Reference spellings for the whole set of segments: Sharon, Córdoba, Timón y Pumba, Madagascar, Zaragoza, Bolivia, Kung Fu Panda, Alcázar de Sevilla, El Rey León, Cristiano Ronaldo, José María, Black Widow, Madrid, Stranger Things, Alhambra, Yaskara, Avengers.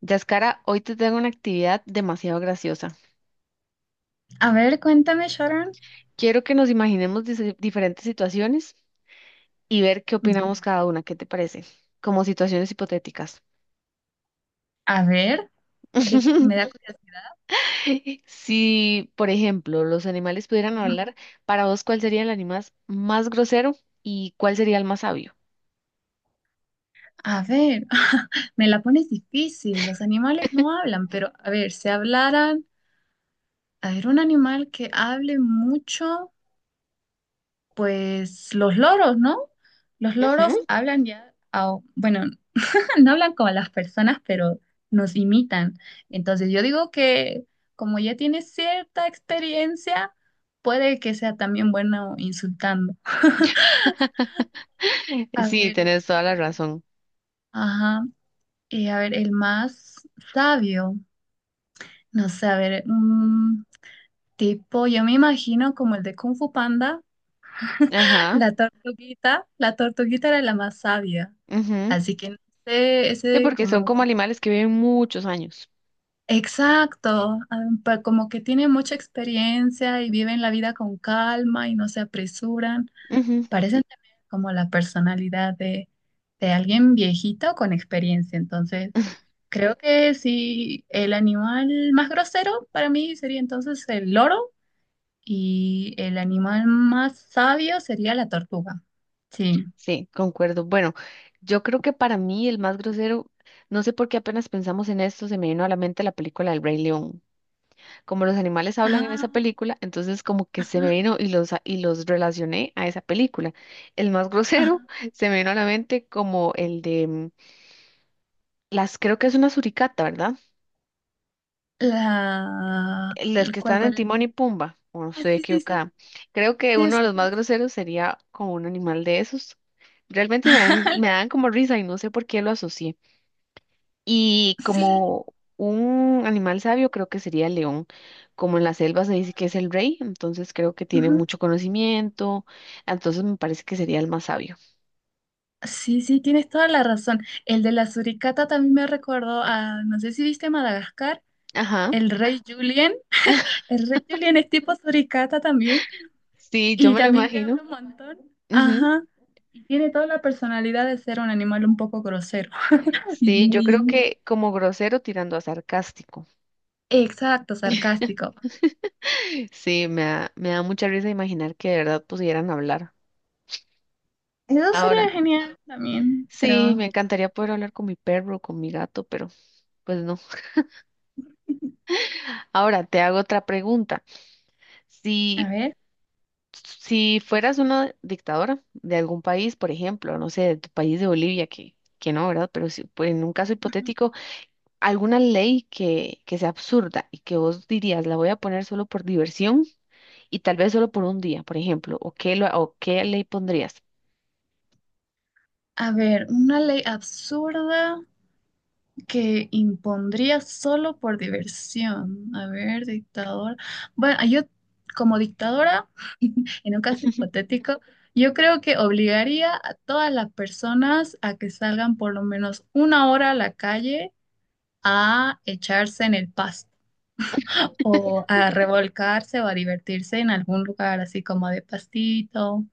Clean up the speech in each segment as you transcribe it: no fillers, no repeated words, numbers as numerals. Yaskara, hoy te tengo una actividad demasiado graciosa. A ver, cuéntame, Sharon. Quiero que nos imaginemos diferentes situaciones y ver qué opinamos Ya. cada una. ¿Qué te parece? Como situaciones hipotéticas. A ver, que me da Pues, curiosidad. Si, por ejemplo, los animales pudieran Ujú. hablar, para vos, ¿cuál sería el animal más grosero y cuál sería el más sabio? A ver, me la pones difícil. Los animales no hablan, pero a ver, si hablaran, a ver, un animal que hable mucho, pues los loros, ¿no? Los Ujú. loros hablan ya, bueno, no hablan como las personas, pero nos imitan. Entonces yo digo que como ya tiene cierta experiencia, puede que sea también bueno insultando. A Sí, ver, tenés toda la eh, razón. ajá, a ver, el más sabio, no sé, a ver, un tipo, yo me imagino como el de Kung Fu Panda, Ajá. La tortuguita era la más sabia, Ujú. así que no sé, Sí, ese porque son como como que, animales que viven muchos años. exacto, como que tiene mucha experiencia y viven la vida con calma y no se apresuran, Ujú. parecen también como la personalidad de alguien viejito con experiencia, entonces. Creo que sí, el animal más grosero para mí sería entonces el loro y el animal más sabio sería la tortuga. Sí. Sí, concuerdo. Bueno, yo creo que para mí el más grosero, no sé por qué apenas pensamos en esto, se me vino a la mente la película El Rey León. Como los animales hablan en esa Ajá, película, entonces como que se me ajá, vino y los, y los relacioné a esa película. El más grosero ajá. se me vino a la mente como el de creo que es una suricata, ¿verdad? La... Las que ¿Cuál, están en cuál? Timón y Pumba, o no Ah, estoy sí, sí, sí. equivocada. Creo que Sí, uno de es- los más groseros sería como un animal de esos. Realmente me dan, me dan como risa y no sé por qué lo asocié. Y sí. como un animal sabio, creo que sería el león. Como en la selva se dice que es el rey, entonces creo que tiene Ujú. mucho conocimiento. Entonces me parece que sería el más sabio. Sí, sí, tienes toda la razón. El de la suricata también me recordó a, no sé si viste Madagascar, Ajá, el rey Julien. El rey Julien es tipo suricata también. sí, yo Y me lo también que habla imagino. un montón. Ujú. Ajá. Y tiene toda la personalidad de ser un animal un poco grosero y Sí, yo creo muy que como grosero tirando a sarcástico. exacto, sarcástico. Sí, me da mucha risa imaginar que de verdad pudieran hablar. Eso sería Ahora, genial también, sí, pero me encantaría poder hablar con mi perro, con mi gato, pero pues no. Ahora te hago otra pregunta. a Si ver, Si fueras una dictadora de algún país, por ejemplo, no sé, de tu país de Bolivia, que no, ¿verdad? Pero si, pues, en un caso hipotético, alguna ley que sea absurda y que vos dirías, la voy a poner solo por diversión y tal vez solo por un día, por ejemplo, o qué ley pondrías? a ver, una ley absurda que impondría solo por diversión. A ver, dictador. Bueno, yo como dictadora, en un caso hipotético, yo creo que obligaría a todas las personas a que salgan por lo menos una hora a la calle a echarse en el pasto o a revolcarse o a divertirse en algún lugar así como de pastito,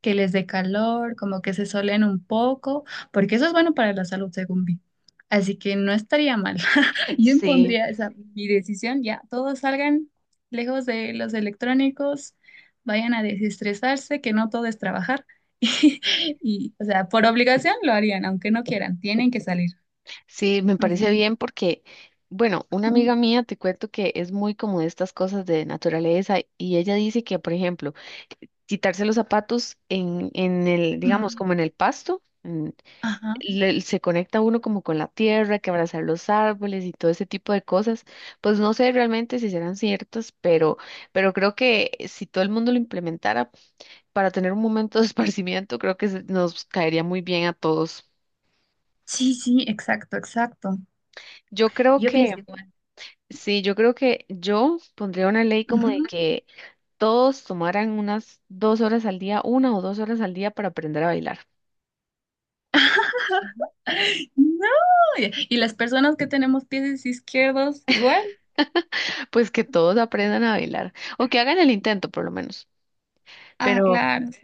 que les dé calor, como que se solen un poco, porque eso es bueno para la salud, según vi. Así que no estaría mal. Yo Sí. impondría esa mi decisión, ya, todos salgan lejos de los electrónicos, vayan a desestresarse, que no todo es trabajar. Y, o sea, por obligación lo harían, aunque no quieran, tienen que salir. Sí, me Así parece que, bien porque, bueno, una mm, amiga mía te cuento que es muy como de estas cosas de naturaleza y ella dice que, por ejemplo, quitarse los zapatos en, el, digamos, como en el pasto, ajá. Se conecta uno como con la tierra, que abrazar los árboles y todo ese tipo de cosas, pues no sé realmente si serán ciertas, pero creo que si todo el mundo lo implementara para tener un momento de esparcimiento, creo que nos caería muy bien a todos. Sí, sí, exacto, exacto. Yo creo Yo que pienso igual. Sí, yo creo que yo pondría una ley como de Ujú. que todos tomaran unas dos horas al día, una o dos horas al día para aprender a bailar. No, y las personas que tenemos pies izquierdos igual. Pues que todos aprendan a bailar o que hagan el intento por lo menos. Ah, Pero claro, sí.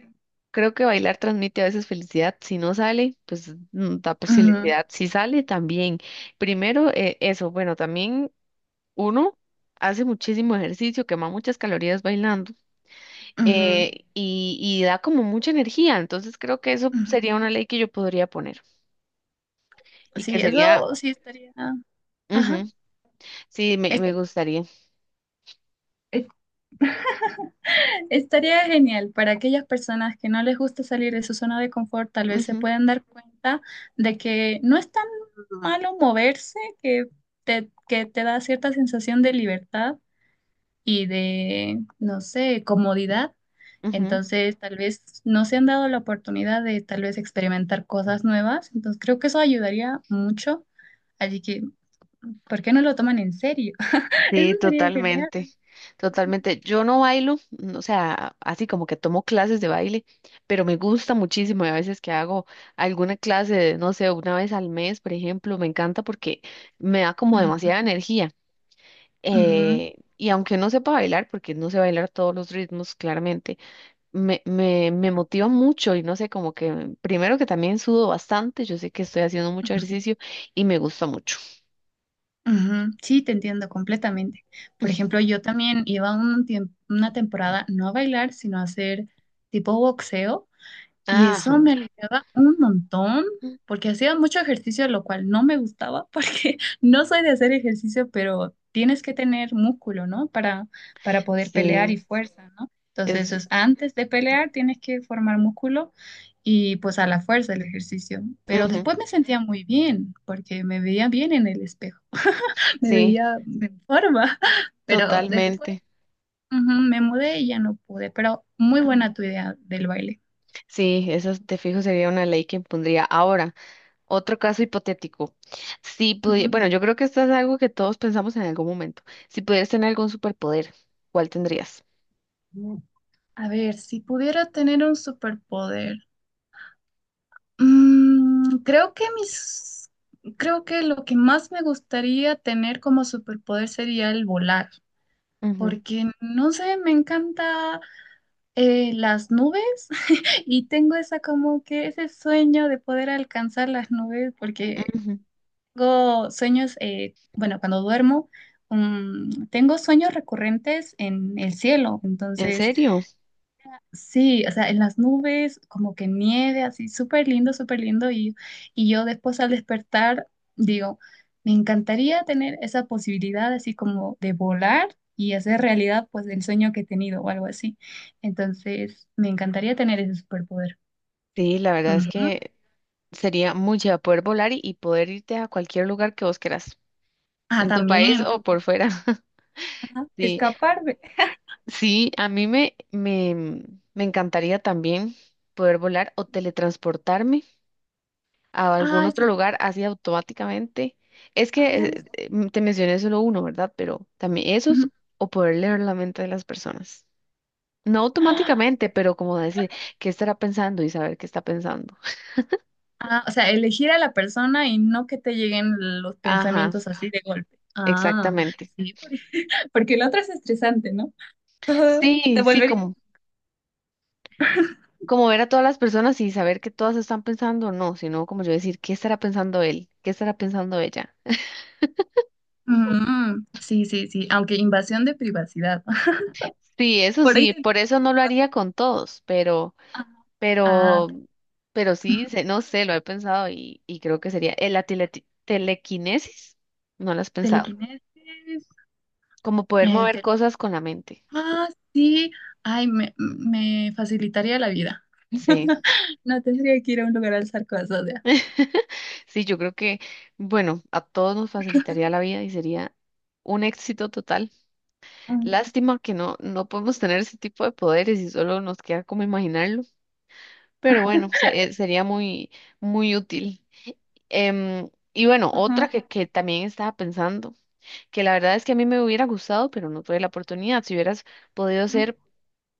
creo que bailar transmite a veces felicidad. Si no sale, pues da pues, Ujú, felicidad. Si sale, también. Primero, eso. Bueno, también uno hace muchísimo ejercicio, quema muchas calorías bailando. ujú, y da como mucha energía. Entonces creo que eso ujú. sería una ley que yo podría poner y que Sí, sería, eso sí estaría. Ajá. ujú, sí, me, Es- me gustaría. es- Estaría genial para aquellas personas que no les gusta salir de su zona de confort, tal vez se Ujú, puedan dar cuenta de que no es tan malo moverse, que te da cierta sensación de libertad y de, no sé, comodidad. ujú. Entonces, tal vez no se han dado la oportunidad de tal vez experimentar cosas nuevas. Entonces, creo que eso ayudaría mucho. Así que, ¿por qué no lo toman en serio? Eso Sí, sería genial. totalmente, totalmente. Yo no bailo, o sea, así como que tomo clases de baile, pero me gusta muchísimo y a veces que hago alguna clase, de, no sé, una vez al mes, por ejemplo, me encanta porque me da como demasiada Ujú, energía. ujú, Y aunque no sepa bailar, porque no sé bailar todos los ritmos, claramente, me motiva mucho y no sé, como que primero que también sudo bastante, yo sé que estoy haciendo mucho ujú, ejercicio y me gusta mucho. ujú. Sí, te entiendo completamente. Por ejemplo, yo también iba un una temporada no a bailar, sino a hacer tipo boxeo. Y Ajá, eso me aliviaba un montón, porque hacía mucho ejercicio, lo cual no me gustaba, porque no soy de hacer ejercicio, pero tienes que tener músculo, ¿no? Para poder pelear sí, y fuerza, ¿no? Entonces, es, es antes de pelear tienes que formar músculo y pues a la fuerza el ejercicio. Pero ujú, después me sentía muy bien, porque me veía bien en el espejo, me sí, veía en forma, pero después totalmente. ujú, me mudé y ya no pude, pero muy buena tu idea del baile. Sí, esa te fijo sería una ley que impondría. Ahora, otro caso hipotético. Si pudi- bueno, yo creo que esto es algo que todos pensamos en algún momento. Si pudieras tener algún superpoder, ¿cuál tendrías? Ujú. A ver, si pudiera tener un superpoder, mm, creo que mis, creo que lo que más me gustaría tener como superpoder sería el volar, Ujú, porque no sé, me encanta las nubes y tengo esa como que ese sueño de poder alcanzar las nubes, porque ujú. tengo sueños, bueno, cuando duermo, tengo sueños recurrentes en el cielo, ¿En entonces serio? sí, o sea, en las nubes, como que nieve, así, súper lindo, súper lindo. Y yo después al despertar digo, me encantaría tener esa posibilidad así como de volar y hacer realidad pues el sueño que he tenido o algo así. Entonces, me encantaría tener ese superpoder. Sí, la verdad es Ujú. que sería muy chévere poder volar y, poder irte a cualquier lugar que vos quieras, Ah, en tu país también, o también. por fuera. Ajá, Sí, escaparme. sí, a mí me encantaría también poder volar o teletransportarme a algún Ay, otro sí que... lugar no. así automáticamente. Es que Ajá, te mencioné solo uno, ¿verdad? Pero también esos ujú. o poder leer la mente de las personas. No automáticamente, pero como decir qué estará pensando y saber qué está pensando. Ah, o sea, elegir a la persona y no que te lleguen los Ajá, pensamientos así de golpe. Ah. exactamente. Sí, porque la otra es estresante, ¿no? Todo te Sí, sí, volvería. como ver a todas las personas y saber que todas están pensando, no, sino como yo decir, ¿qué estará pensando él? ¿Qué estará pensando ella? Mm, sí, sí, sí, aunque invasión de privacidad. Sí, eso Por ahí sí, te... por eso no lo haría con todos, pero, Ah, ah, pero, pero ok. sí, no sé, lo he pensado y creo que sería la telequinesis, no lo has pensado, Telequinesis. como poder Ay, mover cosas con la mente. ah, sí. Ay, me facilitaría la vida. Sí, No tendría que ir a un lugar a alzar cosas ya. sí, yo creo que, bueno, a todos nos facilitaría la vida y sería un éxito total. Ah, Lástima que no podemos tener ese tipo de poderes y solo nos queda como imaginarlo, pero bueno, sería muy, muy útil. Y bueno, otra que, ajá, que también estaba pensando, que la verdad es que a mí me hubiera gustado, pero no tuve la oportunidad. Si hubieras podido ser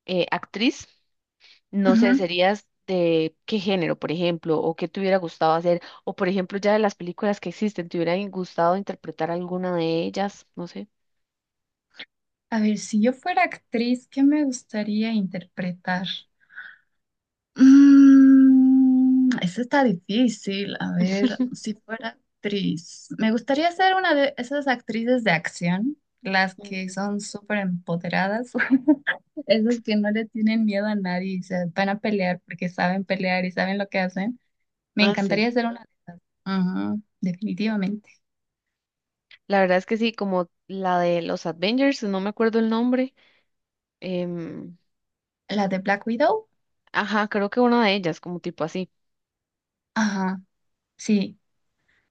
actriz, no sé, ujú. serías de qué género, por ejemplo, o qué te hubiera gustado hacer, o por ejemplo, ya de las películas que existen, ¿te hubiera gustado interpretar alguna de ellas? No sé. A ver, si yo fuera actriz, ¿qué me gustaría interpretar? Mm, eso está difícil. A ver, si fuera actriz. Me gustaría ser una de esas actrices de acción, las Mm. que son súper empoderadas, esas que no le tienen miedo a nadie y se van a pelear porque saben pelear y saben lo que hacen. Me Ah, sí. encantaría ser una. Ajá, definitivamente. La verdad es que sí, como la de los Avengers, no me acuerdo el nombre. em, La de Black Widow. ajá, creo que una de ellas, como tipo así. Ajá, sí,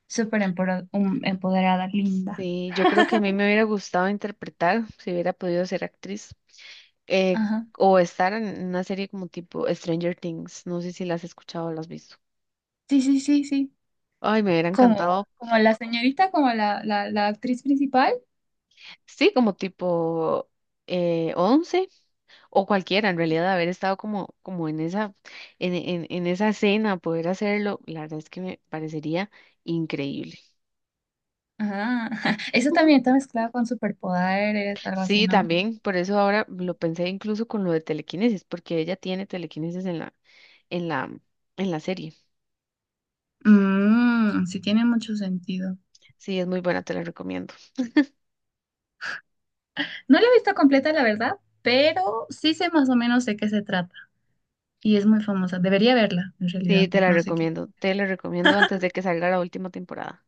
súper empoderada, linda. Sí, yo creo que a mí me hubiera gustado interpretar, si hubiera podido ser actriz, eh, Ajá, o estar en una serie como tipo Stranger Things. No sé si la has escuchado o la has visto. sí, sí, sí, sí. Ay, me hubiera Como, encantado. como la señorita, como la actriz principal. Sí, como tipo 11 o cualquiera, en realidad, haber estado como, en esa, en esa escena, poder hacerlo, la verdad es que me parecería increíble. Ah, eso también está mezclado con superpoderes, algo así, Sí, ¿no? también, por eso ahora lo pensé incluso con lo de telequinesis, porque ella tiene telequinesis en la, en la serie. Mm, sí tiene mucho sentido. Sí, es muy buena, te la recomiendo. No la he visto completa, la verdad, pero sí sé más o menos de qué se trata. Y es muy famosa. Debería verla, en realidad. Sí, No sé qué. Te la recomiendo antes de que salga la última temporada.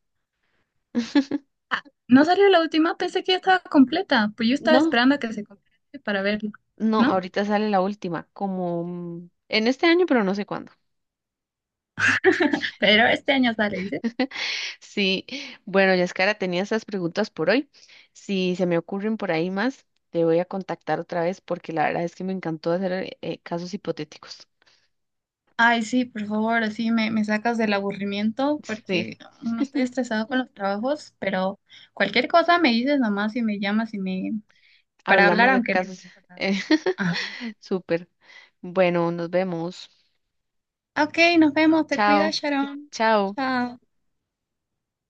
Ah, no salió la última, pensé que ya estaba completa. Pues yo estaba No, esperando a que se complete para verla, no, ¿no? ahorita sale la última, como en este año, pero no sé cuándo. Pero este año sale, Sí, bueno, Yaskara, tenía esas preguntas por hoy. Si se me ocurren por ahí más, te voy a contactar otra vez porque la verdad es que me encantó hacer casos hipotéticos. ay, sí, por favor, así me sacas del aburrimiento Sí. porque no estoy estresado con los trabajos, pero cualquier cosa me dices nomás y me llamas y me para hablar Hablamos de aunque casos. otras cosas. eh, Ajá. súper. Bueno, nos vemos. Ok, nos vemos, te Chao. cuidas, Sharon. Chao. Chao.